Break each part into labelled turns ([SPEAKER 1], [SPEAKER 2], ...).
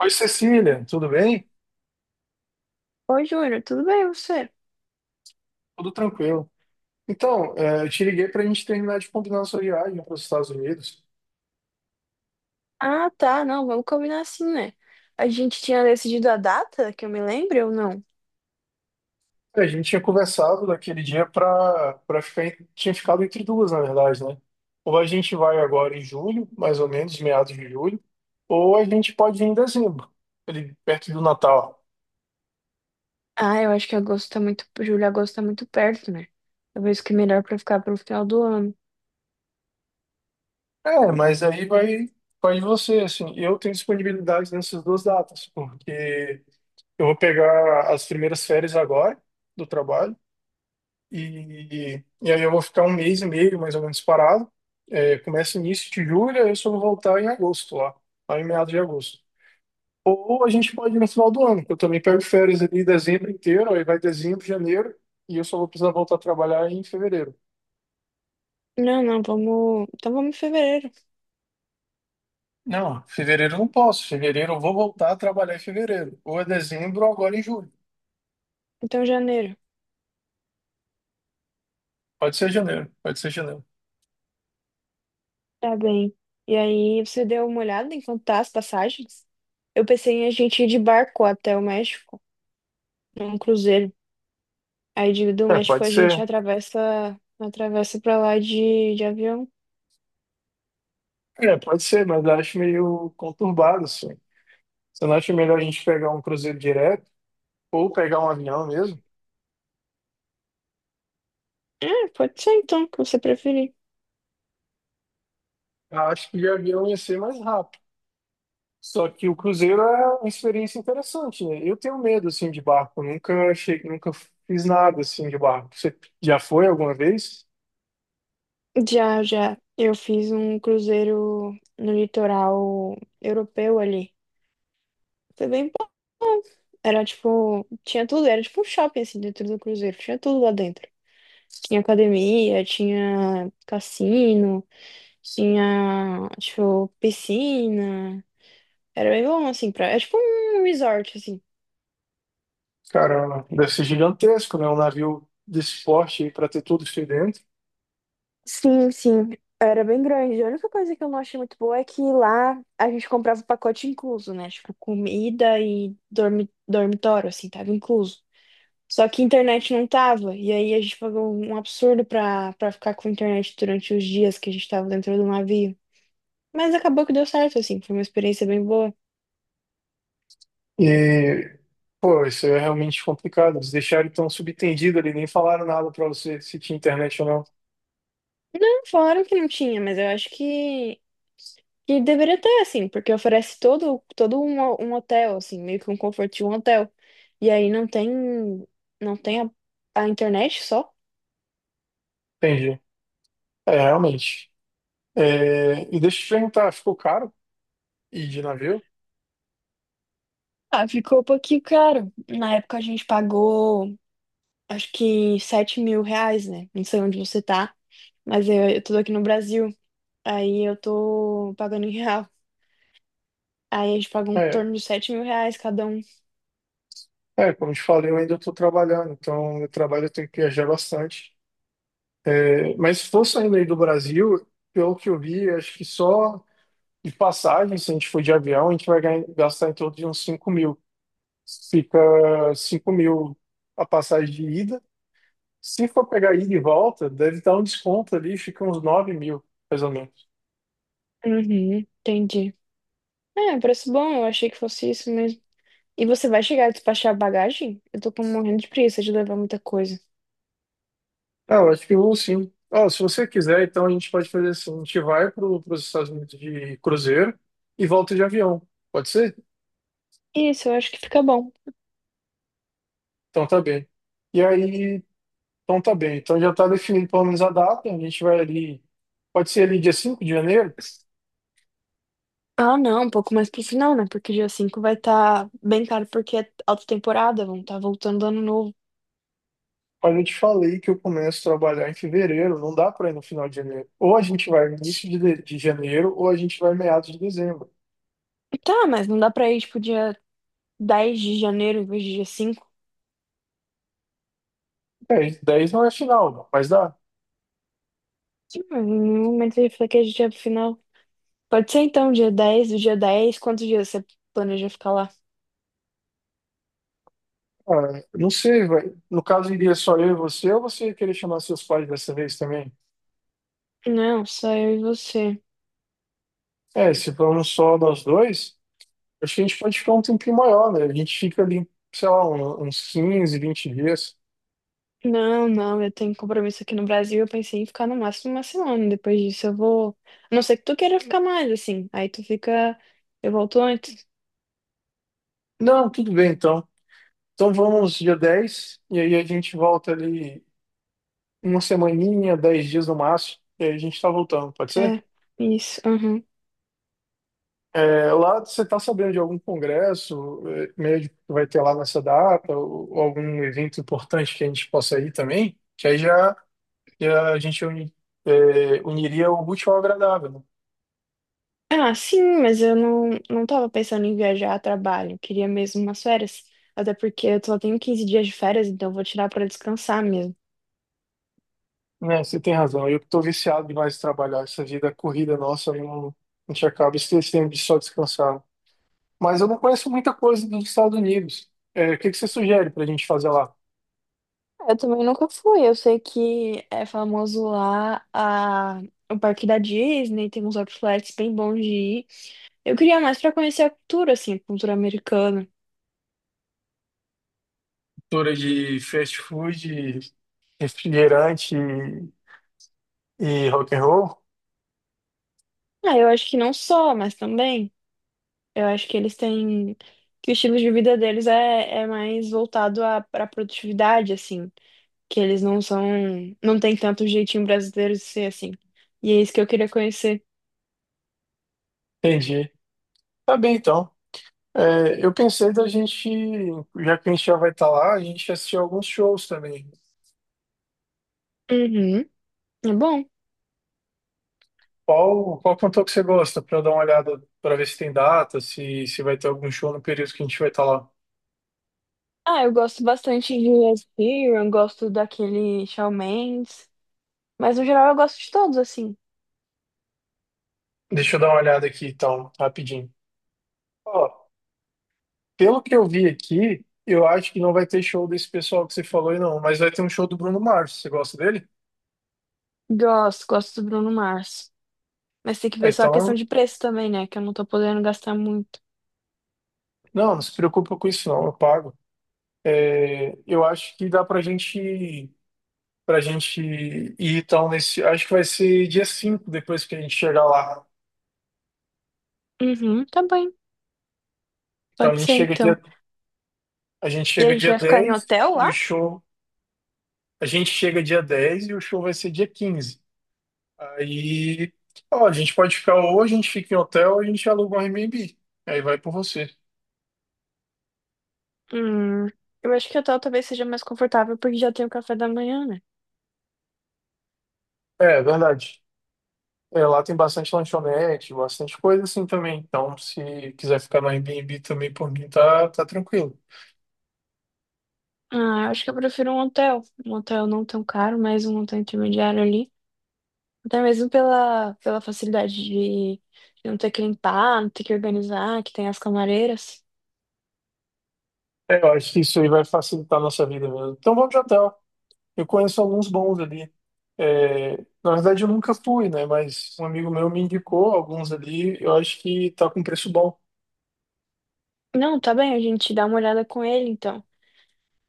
[SPEAKER 1] Oi, Cecília, tudo bem?
[SPEAKER 2] Oi, Júnior, tudo bem você?
[SPEAKER 1] Tudo tranquilo. Então, é, eu te liguei para a gente terminar de combinar a sua viagem para os Estados Unidos.
[SPEAKER 2] Ah, tá, não, vamos combinar assim, né? A gente tinha decidido a data, que eu me lembre ou não?
[SPEAKER 1] A gente tinha conversado daquele dia para ficar, tinha ficado entre duas, na verdade, né? Ou a gente vai agora em julho, mais ou menos, meados de julho, ou a gente pode ir em dezembro, ali perto do Natal.
[SPEAKER 2] Ah, eu acho que agosto tá muito, julho, agosto tá muito perto, né? Talvez que é melhor pra ficar pro final do ano.
[SPEAKER 1] É, mas aí vai de você, assim. Eu tenho disponibilidade nessas duas datas, porque eu vou pegar as primeiras férias agora do trabalho. E aí eu vou ficar um mês e meio, mais ou menos, parado. É, começa início de julho, aí eu só vou voltar em agosto lá em meados de agosto. Ou a gente pode ir no final do ano, que eu também pego férias ali dezembro inteiro, aí vai dezembro, janeiro, e eu só vou precisar voltar a trabalhar em fevereiro.
[SPEAKER 2] Não, não, vamos, então vamos em fevereiro,
[SPEAKER 1] Não, fevereiro eu não posso. Fevereiro eu vou voltar a trabalhar em fevereiro. Ou é dezembro ou agora em julho.
[SPEAKER 2] então janeiro.
[SPEAKER 1] Pode ser janeiro, pode ser janeiro.
[SPEAKER 2] Tá bem. E aí, você deu uma olhada em quanto tá as passagens? Eu pensei em a gente ir de barco até o México, num cruzeiro. Do
[SPEAKER 1] É,
[SPEAKER 2] México
[SPEAKER 1] pode
[SPEAKER 2] a gente
[SPEAKER 1] ser.
[SPEAKER 2] atravessa, pra lá de avião.
[SPEAKER 1] É, pode ser, mas eu acho meio conturbado, assim. Você não acha melhor a gente pegar um cruzeiro direto? Ou pegar um avião mesmo,
[SPEAKER 2] É, pode ser então, o que você preferir.
[SPEAKER 1] acho que de avião ia ser mais rápido. Só que o cruzeiro é uma experiência interessante, né? Eu tenho medo, assim, de barco. Eu nunca achei, nunca fiz nada, assim, de barco. Você já foi alguma vez?
[SPEAKER 2] Já, já. Eu fiz um cruzeiro no litoral europeu ali. Foi bem bom. Era tipo, tinha tudo, era tipo um shopping assim dentro do cruzeiro, tinha tudo lá dentro. Tinha academia, tinha cassino, tinha, tipo, piscina. Era bem bom assim, pra é tipo um resort assim.
[SPEAKER 1] Cara, deve ser gigantesco, né? Um navio desse porte aí pra ter tudo isso aí dentro.
[SPEAKER 2] Sim, sim. Era bem grande. A única coisa que eu não achei muito boa é que lá a gente comprava o pacote incluso, né? Tipo, comida e dormitório, assim, tava incluso. Só que internet não tava. E aí a gente pagou um absurdo pra ficar com internet durante os dias que a gente tava dentro do navio. Mas acabou que deu certo, assim. Foi uma experiência bem boa.
[SPEAKER 1] E, pô, isso é realmente complicado. Eles deixaram tão subentendido ali, nem falaram nada para você se tinha internet ou não.
[SPEAKER 2] Não, falaram que não tinha, mas que deveria ter, assim, porque oferece todo um, um hotel, assim, meio que um conforto de um hotel. E aí não tem, não tem a, a internet só.
[SPEAKER 1] Entendi. É, realmente. É, e deixa eu te perguntar, ficou caro ir de navio?
[SPEAKER 2] Ah, ficou um pouquinho caro. Na época a gente pagou, acho que R$ 7.000, né? Não sei onde você tá, mas eu tô aqui no Brasil. Aí eu tô pagando em real. Aí a gente pagou em
[SPEAKER 1] é
[SPEAKER 2] torno de R$ 7.000 cada um.
[SPEAKER 1] É, como eu te falei, eu ainda estou trabalhando, então meu trabalho eu tenho que viajar bastante. É, mas se for saindo aí do Brasil, pelo que eu vi, acho que só de passagem, se a gente for de avião, a gente vai gastar em torno de uns 5.000. Fica 5.000 a passagem de ida. Se for pegar ida e volta, deve dar um desconto ali, fica uns 9.000, mais ou menos.
[SPEAKER 2] Uhum, entendi. É, preço bom, eu achei que fosse isso mesmo. E você vai chegar a despachar a bagagem? Morrendo de preguiça de levar muita coisa.
[SPEAKER 1] Ah, eu acho que eu vou sim. Ó, se você quiser, então a gente pode fazer assim, a gente vai para os Estados Unidos de cruzeiro e volta de avião. Pode ser?
[SPEAKER 2] Isso, eu acho que fica bom.
[SPEAKER 1] Então tá bem. E aí, então tá bem. Então já tá definido pelo menos a data. A gente vai ali. Pode ser ali dia 5 de janeiro?
[SPEAKER 2] Ah, não, um pouco mais pro final, né? Porque dia 5 vai estar bem caro porque é alta temporada, vão estar voltando do ano novo.
[SPEAKER 1] Mas eu te falei que eu começo a trabalhar em fevereiro, não dá para ir no final de janeiro. Ou a gente vai início de de janeiro, ou a gente vai meados de dezembro.
[SPEAKER 2] Tá, mas não dá pra ir, tipo, dia 10 de janeiro em vez de dia 5?
[SPEAKER 1] É, 10 10 não é final, mas dá.
[SPEAKER 2] Sim, mas em nenhum momento eu falei que a gente ia pro final. Pode ser então, dia 10? Do dia 10, quantos dias você planeja ficar lá?
[SPEAKER 1] Ah, não sei, vai. No caso, iria só eu e você, ou você ia querer chamar seus pais dessa vez também?
[SPEAKER 2] Não, só eu e você.
[SPEAKER 1] É, se formos só nós dois, acho que a gente pode ficar um tempinho maior, né? A gente fica ali, sei lá, uns 15 20 dias.
[SPEAKER 2] Não, não, eu tenho compromisso aqui no Brasil. Eu pensei em ficar no máximo uma semana. Depois disso eu vou. A não ser que tu queira ficar mais, assim. Aí tu fica. Eu volto antes.
[SPEAKER 1] Não, tudo bem então. Então vamos dia 10 e aí a gente volta ali uma semaninha, 10 dias no máximo, e aí a gente tá voltando, pode ser?
[SPEAKER 2] É, isso. Aham.
[SPEAKER 1] É, lá você tá sabendo de algum congresso é, médico que vai ter lá nessa data, ou algum evento importante que a gente possa ir também? Que aí já a gente uniria o útil ao agradável, né?
[SPEAKER 2] Ah, sim, mas eu não, não tava pensando em viajar a trabalho. Eu queria mesmo umas férias. Até porque eu só tenho 15 dias de férias, então eu vou tirar pra descansar mesmo.
[SPEAKER 1] Né, você tem razão, eu que tô viciado demais de trabalhar, essa vida corrida nossa, eu não, a gente acaba esquecendo de só descansar. Né? Mas eu não conheço muita coisa dos Estados Unidos. É, o que que você sugere para a gente fazer lá?
[SPEAKER 2] Eu também nunca fui. Eu sei que é famoso lá a o parque da Disney, tem uns outlets bem bons de ir. Eu queria mais pra conhecer a cultura, assim, a cultura americana.
[SPEAKER 1] Cultura de fast food, refrigerante e rock and roll?
[SPEAKER 2] Ah, eu acho que não só, mas também. Eu acho que eles têm. Que o estilo de vida é mais voltado à pra produtividade, assim. Que eles não são. Não tem tanto jeitinho brasileiro de ser assim. E é isso que eu queria conhecer.
[SPEAKER 1] Entendi. Tá bem, então. É, eu pensei da gente, já que a gente já vai estar lá, a gente assistir alguns shows também.
[SPEAKER 2] Uhum. É bom.
[SPEAKER 1] Qual cantor que você gosta? Para eu dar uma olhada, para ver se tem data, se vai ter algum show no período que a gente vai estar lá.
[SPEAKER 2] Ah, eu gosto bastante de Ed Sheeran, gosto daquele Shawn Mendes. Mas no geral eu gosto de todos, assim.
[SPEAKER 1] Deixa eu dar uma olhada aqui, então, rapidinho. Ó, pelo que eu vi aqui, eu acho que não vai ter show desse pessoal que você falou aí, não. Mas vai ter um show do Bruno Mars. Você gosta dele?
[SPEAKER 2] Gosto, gosto do Bruno Mars. Mas tem que ver só a questão
[SPEAKER 1] Então,
[SPEAKER 2] de preço também, né? Que eu não tô podendo gastar muito.
[SPEAKER 1] não, não se preocupa com isso, não. Eu pago. É, eu acho que dá pra gente ir então nesse. Acho que vai ser dia 5 depois que a gente chegar lá.
[SPEAKER 2] Uhum, tá bem.
[SPEAKER 1] Então a
[SPEAKER 2] Pode ser, então.
[SPEAKER 1] a gente
[SPEAKER 2] E a
[SPEAKER 1] chega
[SPEAKER 2] gente
[SPEAKER 1] dia
[SPEAKER 2] vai ficar em
[SPEAKER 1] 10
[SPEAKER 2] hotel
[SPEAKER 1] e o
[SPEAKER 2] lá?
[SPEAKER 1] show. A gente chega dia 10 e o show vai ser dia 15. Aí, ó, a gente pode ficar ou a gente fica em hotel ou a gente aluga um Airbnb. Aí vai por você.
[SPEAKER 2] Hum, eu acho que hotel talvez seja mais confortável porque já tem o café da manhã, né?
[SPEAKER 1] É, verdade. É, lá tem bastante lanchonete, bastante coisa assim também. Então, se quiser ficar no Airbnb também, por mim, tá tranquilo.
[SPEAKER 2] Ah, eu acho que eu prefiro um hotel. Um hotel não tão caro, mas um hotel intermediário ali. Até mesmo pela facilidade de não ter que limpar, não ter que organizar, que tem as camareiras.
[SPEAKER 1] É, eu acho que isso aí vai facilitar a nossa vida mesmo. Então, vamos de hotel. Eu conheço alguns bons ali. É, na verdade, eu nunca fui, né? Mas um amigo meu me indicou alguns ali. Eu acho que tá com preço bom.
[SPEAKER 2] Não, tá bem, a gente dá uma olhada com ele, então.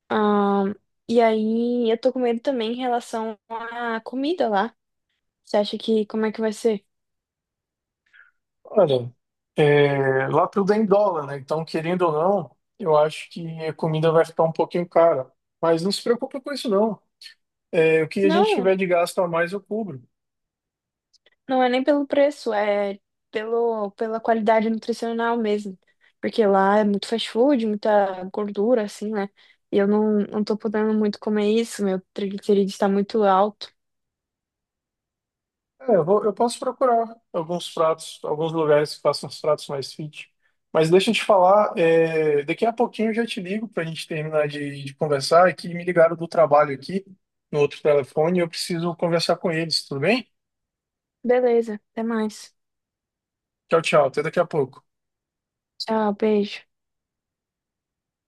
[SPEAKER 2] Ah, e aí, eu tô com medo também em relação à comida lá. Você acha que como é que vai ser?
[SPEAKER 1] Olha, é, lá tudo é em dólar, né? Então, querendo ou não, eu acho que a comida vai ficar um pouquinho cara. Mas não se preocupe com isso, não. É, o que a gente
[SPEAKER 2] Não,
[SPEAKER 1] tiver de gasto a mais, eu cubro.
[SPEAKER 2] não é nem pelo preço, é pela qualidade nutricional mesmo. Porque lá é muito fast food, muita gordura, assim, né? E eu não, não tô podendo muito comer isso, meu triglicerídeo está muito alto.
[SPEAKER 1] É, eu posso procurar alguns pratos, alguns lugares que façam os pratos mais fit. Mas deixa eu te falar, é, daqui a pouquinho eu já te ligo para a gente terminar de conversar. É que me ligaram do trabalho aqui, no outro telefone, e eu preciso conversar com eles, tudo bem?
[SPEAKER 2] Beleza, até mais.
[SPEAKER 1] Tchau, tchau, até daqui a pouco.
[SPEAKER 2] Tchau, beijo.